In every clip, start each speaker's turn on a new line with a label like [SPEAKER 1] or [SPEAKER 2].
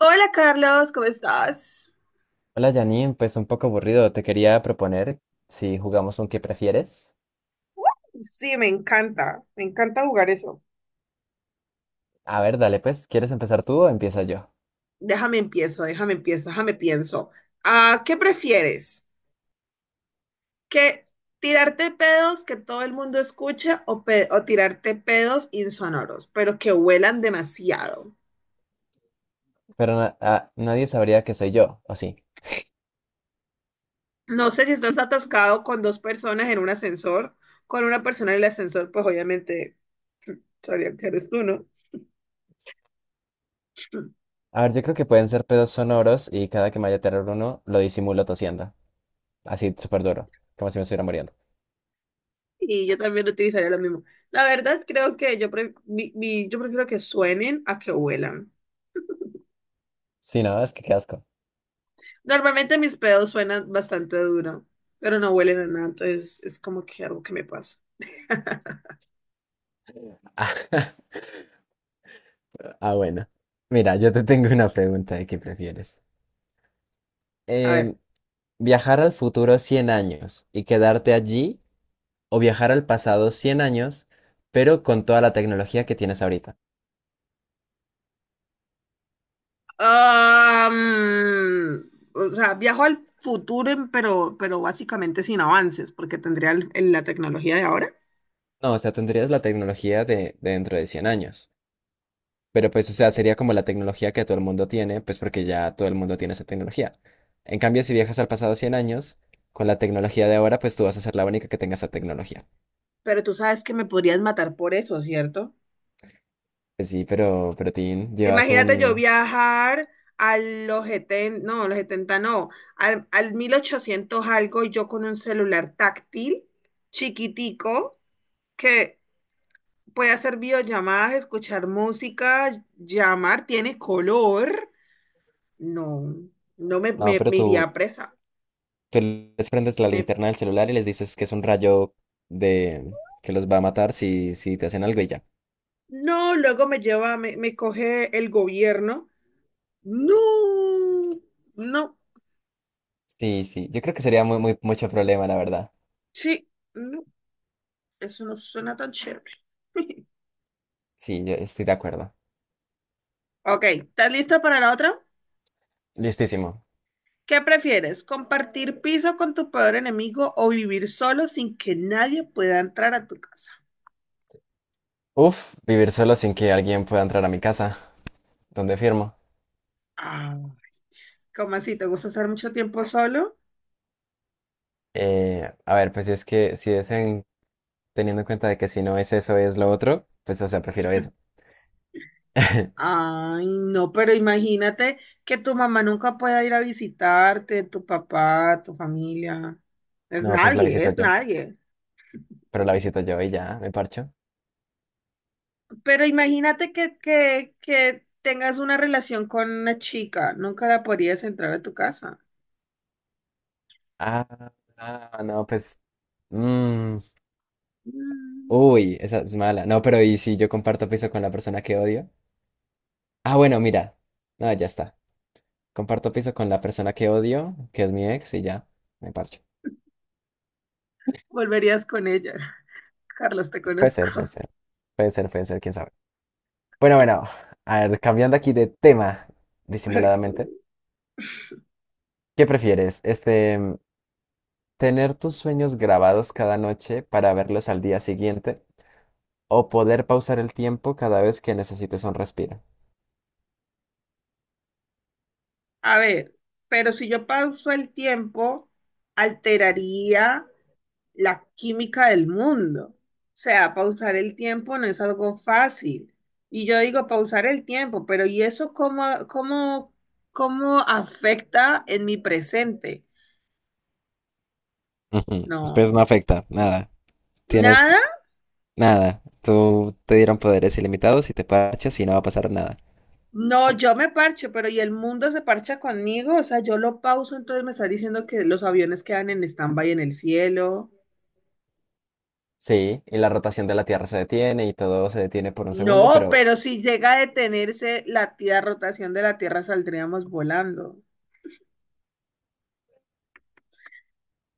[SPEAKER 1] Hola Carlos, ¿cómo estás?
[SPEAKER 2] Hola Janine, pues un poco aburrido. Te quería proponer si jugamos un qué prefieres.
[SPEAKER 1] Sí, me encanta jugar eso.
[SPEAKER 2] A ver, dale pues, ¿quieres empezar tú o empiezo yo?
[SPEAKER 1] Déjame empiezo, déjame empiezo, déjame pienso. Ah, ¿qué prefieres? ¿Que tirarte pedos que todo el mundo escuche o, o tirarte pedos insonoros, pero que huelan demasiado?
[SPEAKER 2] Pero nadie sabría que soy yo, ¿o sí?
[SPEAKER 1] No sé si estás atascado con dos personas en un ascensor, con una persona en el ascensor, pues obviamente sabría que eres tú, ¿no?
[SPEAKER 2] A ver, yo creo que pueden ser pedos sonoros y cada que me vaya a tirar uno lo disimulo tosiendo. Así súper duro, como si me estuviera muriendo.
[SPEAKER 1] Y yo también utilizaría lo mismo. La verdad, creo que yo prefiero que suenen a que huelan.
[SPEAKER 2] Sí, no, es que qué asco.
[SPEAKER 1] Normalmente mis pedos suenan bastante duro, pero no huelen a nada, entonces es como que algo que me pasa.
[SPEAKER 2] Ah, bueno. Mira, yo te tengo una pregunta de qué prefieres.
[SPEAKER 1] A
[SPEAKER 2] Em,
[SPEAKER 1] ver.
[SPEAKER 2] viajar al futuro 100 años y quedarte allí o viajar al pasado 100 años, pero con toda la tecnología que tienes ahorita.
[SPEAKER 1] O sea, viajo al futuro, pero básicamente sin avances, porque tendría la tecnología de ahora.
[SPEAKER 2] No, o sea, tendrías la tecnología de dentro de 100 años, pero pues, o sea, sería como la tecnología que todo el mundo tiene, pues porque ya todo el mundo tiene esa tecnología. En cambio, si viajas al pasado 100 años, con la tecnología de ahora, pues tú vas a ser la única que tenga esa tecnología.
[SPEAKER 1] Pero tú sabes que me podrías matar por eso, ¿cierto?
[SPEAKER 2] Pues sí, pero Tin, llevas
[SPEAKER 1] Imagínate yo
[SPEAKER 2] un...
[SPEAKER 1] viajar a los 70, no, a los 70 no, al 1800 algo y yo con un celular táctil, chiquitico, que puede hacer videollamadas, escuchar música, llamar, tiene color. No, no me,
[SPEAKER 2] No,
[SPEAKER 1] me,
[SPEAKER 2] pero
[SPEAKER 1] me
[SPEAKER 2] tú,
[SPEAKER 1] iría presa.
[SPEAKER 2] tú les prendes la
[SPEAKER 1] Me,
[SPEAKER 2] linterna del celular y les dices que es un rayo de... que los va a matar si te hacen algo y ya.
[SPEAKER 1] no, luego me lleva, me coge el gobierno. No, no.
[SPEAKER 2] Sí, sí. Yo creo que sería muy, muy, mucho problema, la verdad.
[SPEAKER 1] Sí. No. Eso no suena tan chévere.
[SPEAKER 2] Sí, yo estoy de acuerdo.
[SPEAKER 1] Ok, ¿estás lista para la otra?
[SPEAKER 2] Listísimo.
[SPEAKER 1] ¿Qué prefieres? ¿Compartir piso con tu peor enemigo o vivir solo sin que nadie pueda entrar a tu casa?
[SPEAKER 2] Uf, vivir solo sin que alguien pueda entrar a mi casa. ¿Dónde firmo?
[SPEAKER 1] Ay, ¿cómo así? ¿Te gusta estar mucho tiempo solo?
[SPEAKER 2] A ver, pues es que si teniendo en cuenta de que si no es eso, es lo otro, pues o sea, prefiero eso.
[SPEAKER 1] Ay, no, pero imagínate que tu mamá nunca pueda ir a visitarte, tu papá, tu familia. Es
[SPEAKER 2] No, pues la
[SPEAKER 1] nadie,
[SPEAKER 2] visito
[SPEAKER 1] es
[SPEAKER 2] yo.
[SPEAKER 1] nadie.
[SPEAKER 2] Pero la visito yo y ya, me parcho.
[SPEAKER 1] Pero imagínate que, que tengas una relación con una chica, nunca la podrías entrar a tu casa.
[SPEAKER 2] Ah, ah, no, pues. mm,
[SPEAKER 1] Mm,
[SPEAKER 2] Uy, esa es mala. No, pero ¿y si yo comparto piso con la persona que odio? Ah, bueno, mira. No, ya está. Comparto piso con la persona que odio, que es mi ex, y ya, me parcho.
[SPEAKER 1] Volverías con ella. Carlos, te
[SPEAKER 2] Puede ser, puede
[SPEAKER 1] conozco.
[SPEAKER 2] ser. Puede ser, puede ser, quién sabe. Bueno, bueno, a ver, cambiando aquí de tema,
[SPEAKER 1] Ok.
[SPEAKER 2] disimuladamente. ¿Qué prefieres? Este, tener tus sueños grabados cada noche para verlos al día siguiente o poder pausar el tiempo cada vez que necesites un respiro.
[SPEAKER 1] A ver, pero si yo pauso el tiempo, alteraría la química del mundo. O sea, pausar el tiempo no es algo fácil. Y yo digo pausar el tiempo, pero ¿y eso cómo afecta en mi presente?
[SPEAKER 2] Ujú, pues no
[SPEAKER 1] No,
[SPEAKER 2] afecta, nada. Tienes
[SPEAKER 1] nada.
[SPEAKER 2] nada. Tú te dieron poderes ilimitados y te parchas y no va a pasar nada.
[SPEAKER 1] No, yo me parcho, pero ¿y el mundo se parcha conmigo? O sea, yo lo pauso, entonces me está diciendo que los aviones quedan en stand-by en el cielo.
[SPEAKER 2] Sí, y la rotación de la Tierra se detiene y todo se detiene por un segundo,
[SPEAKER 1] No,
[SPEAKER 2] pero
[SPEAKER 1] pero si llega a detenerse la tía rotación de la Tierra, saldríamos volando.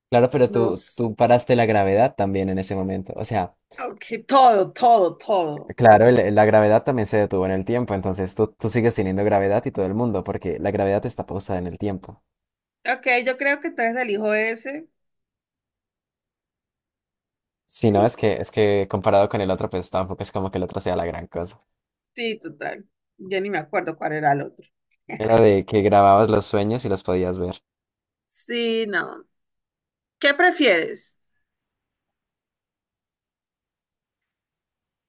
[SPEAKER 2] claro, pero tú,
[SPEAKER 1] Nos,
[SPEAKER 2] tú paraste la gravedad también en ese momento. O sea,
[SPEAKER 1] Aunque todo, todo, todo.
[SPEAKER 2] claro, la gravedad también se detuvo en el tiempo, entonces tú sigues teniendo gravedad y todo el mundo, porque la gravedad está pausada en el tiempo.
[SPEAKER 1] Ok, yo creo que entonces elijo ese.
[SPEAKER 2] Si no,
[SPEAKER 1] Sí,
[SPEAKER 2] es que comparado con el otro, pues tampoco es como que el otro sea la gran cosa.
[SPEAKER 1] sí, total. Yo ni me acuerdo cuál era el otro.
[SPEAKER 2] Era de que grababas los sueños y los podías ver.
[SPEAKER 1] Sí, no. ¿Qué prefieres?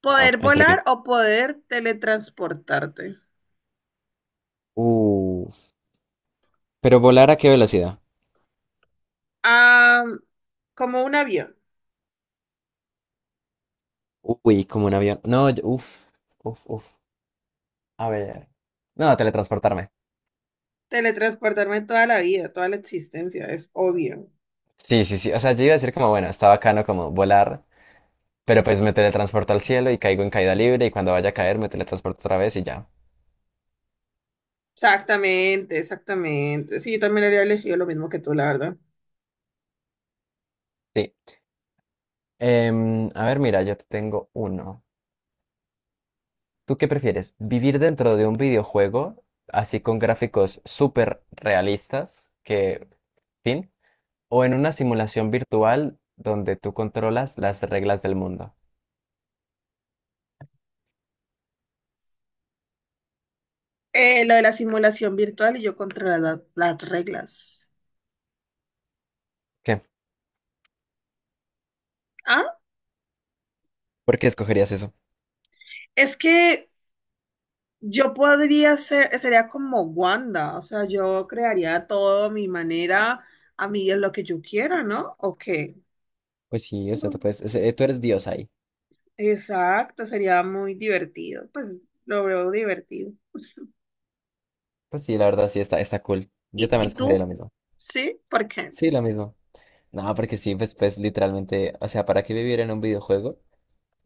[SPEAKER 1] ¿Poder
[SPEAKER 2] Ajá, ¿entre
[SPEAKER 1] volar
[SPEAKER 2] qué?
[SPEAKER 1] o poder teletransportarte?
[SPEAKER 2] Uh, pero volar ¿a qué velocidad?
[SPEAKER 1] Ah, como un avión.
[SPEAKER 2] Uy, como un avión. No, uf, uf, uf. A ver. No, teletransportarme.
[SPEAKER 1] Teletransportarme toda la vida, toda la existencia, es obvio.
[SPEAKER 2] Sí, sí, sí. O sea, yo iba a decir como, bueno, está bacano como volar, pero pues me teletransporto al cielo y caigo en caída libre y cuando vaya a caer me teletransporto otra vez y ya.
[SPEAKER 1] Exactamente, exactamente. Sí, yo también habría elegido lo mismo que tú, la verdad.
[SPEAKER 2] Sí. A ver, mira, yo te tengo uno. ¿Tú qué prefieres? ¿Vivir dentro de un videojuego, así con gráficos súper realistas, que, fin, o en una simulación virtual donde tú controlas las reglas del mundo?
[SPEAKER 1] Lo de la simulación virtual y yo contra las reglas.
[SPEAKER 2] ¿Qué?
[SPEAKER 1] Ah,
[SPEAKER 2] ¿Por qué escogerías eso?
[SPEAKER 1] es que yo podría ser, sería como Wanda, o sea, yo crearía todo a mi manera, a mí es lo que yo quiera, ¿no? ¿O qué?
[SPEAKER 2] Pues sí, o sea, tú
[SPEAKER 1] Mm.
[SPEAKER 2] puedes, tú eres Dios ahí.
[SPEAKER 1] Exacto, sería muy divertido, pues lo veo divertido.
[SPEAKER 2] Pues sí, la verdad sí está, está cool. Yo
[SPEAKER 1] ¿Y,
[SPEAKER 2] también
[SPEAKER 1] y
[SPEAKER 2] escogería lo
[SPEAKER 1] tú?
[SPEAKER 2] mismo.
[SPEAKER 1] ¿Sí? ¿Por qué?
[SPEAKER 2] Sí, lo mismo. No, porque sí, pues, pues literalmente, o sea, ¿para qué vivir en un videojuego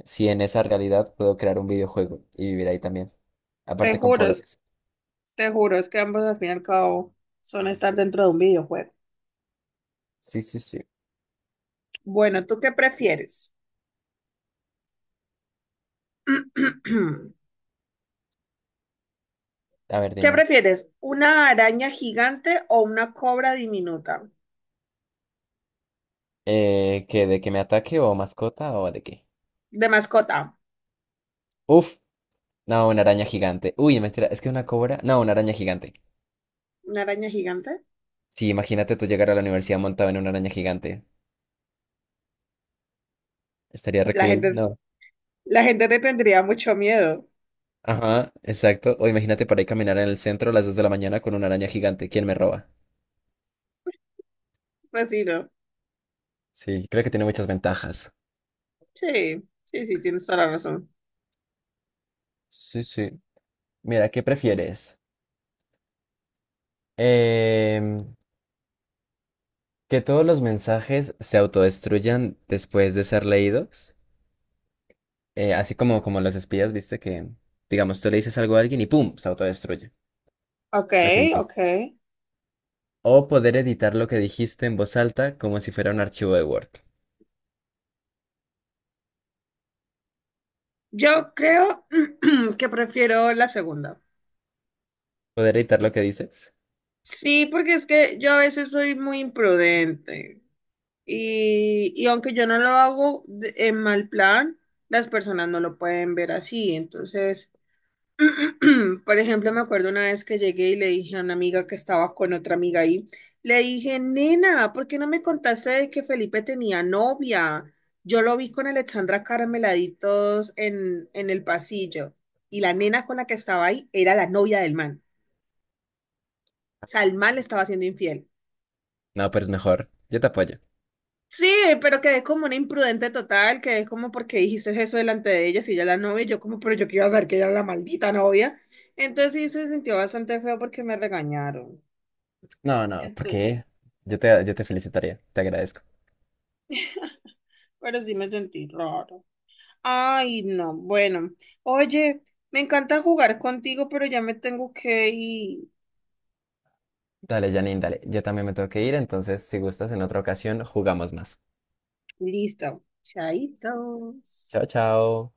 [SPEAKER 2] si en esa realidad puedo crear un videojuego y vivir ahí también?
[SPEAKER 1] Te
[SPEAKER 2] Aparte con
[SPEAKER 1] juro,
[SPEAKER 2] poderes.
[SPEAKER 1] te juro, es que ambos al fin y al cabo son estar dentro de un videojuego.
[SPEAKER 2] Sí, sí, sí.
[SPEAKER 1] Bueno, ¿tú qué prefieres?
[SPEAKER 2] A ver,
[SPEAKER 1] ¿Qué
[SPEAKER 2] dime.
[SPEAKER 1] prefieres? ¿Una araña gigante o una cobra diminuta
[SPEAKER 2] ¿Que de que me ataque o mascota o de qué?
[SPEAKER 1] de mascota?
[SPEAKER 2] Uf, no, una araña gigante. Uy, mentira, es que una cobra. No, una araña gigante.
[SPEAKER 1] ¿Una araña gigante?
[SPEAKER 2] Sí, imagínate tú llegar a la universidad montado en una araña gigante. Estaría re
[SPEAKER 1] La
[SPEAKER 2] cool,
[SPEAKER 1] gente,
[SPEAKER 2] ¿no?
[SPEAKER 1] la gente te tendría mucho miedo.
[SPEAKER 2] Ajá, exacto. O imagínate para ir caminar en el centro a las 2 de la mañana con una araña gigante. ¿Quién me roba?
[SPEAKER 1] Pues sí, ¿no?
[SPEAKER 2] Sí, creo que tiene muchas ventajas.
[SPEAKER 1] Sí, sí, sí, tienes toda la razón.
[SPEAKER 2] Sí, sí. Mira, ¿qué prefieres? Em, que todos los mensajes se autodestruyan después de ser leídos, así como los espías, viste que, digamos, tú le dices algo a alguien y ¡pum! Se autodestruye
[SPEAKER 1] Ok,
[SPEAKER 2] lo que
[SPEAKER 1] ok.
[SPEAKER 2] dijiste. O poder editar lo que dijiste en voz alta como si fuera un archivo de Word.
[SPEAKER 1] Yo creo que prefiero la segunda.
[SPEAKER 2] ¿Poder editar lo que dices?
[SPEAKER 1] Sí, porque es que yo a veces soy muy imprudente y aunque yo no lo hago en mal plan, las personas no lo pueden ver así. Entonces, por ejemplo, me acuerdo una vez que llegué y le dije a una amiga que estaba con otra amiga ahí, le dije, nena, ¿por qué no me contaste de que Felipe tenía novia? Yo lo vi con Alexandra Carmeladitos en el pasillo y la nena con la que estaba ahí era la novia del man. O sea, el man le estaba siendo infiel.
[SPEAKER 2] No, pero es mejor. Yo te apoyo.
[SPEAKER 1] Sí, pero quedé como una imprudente total, quedé como porque dijiste eso delante de ella, si ella es la novia, y yo como, pero yo que iba a saber que ella era la maldita novia. Entonces sí se sintió bastante feo porque me regañaron.
[SPEAKER 2] No, no, ¿por
[SPEAKER 1] Entonces,
[SPEAKER 2] qué? Yo te felicitaría, te agradezco.
[SPEAKER 1] pero sí me sentí raro. Ay, no, bueno. Oye, me encanta jugar contigo, pero ya me tengo que ir.
[SPEAKER 2] Dale, Janine, dale. Yo también me tengo que ir, entonces si gustas en otra ocasión jugamos más.
[SPEAKER 1] Listo. Chaitos.
[SPEAKER 2] Chao, chao.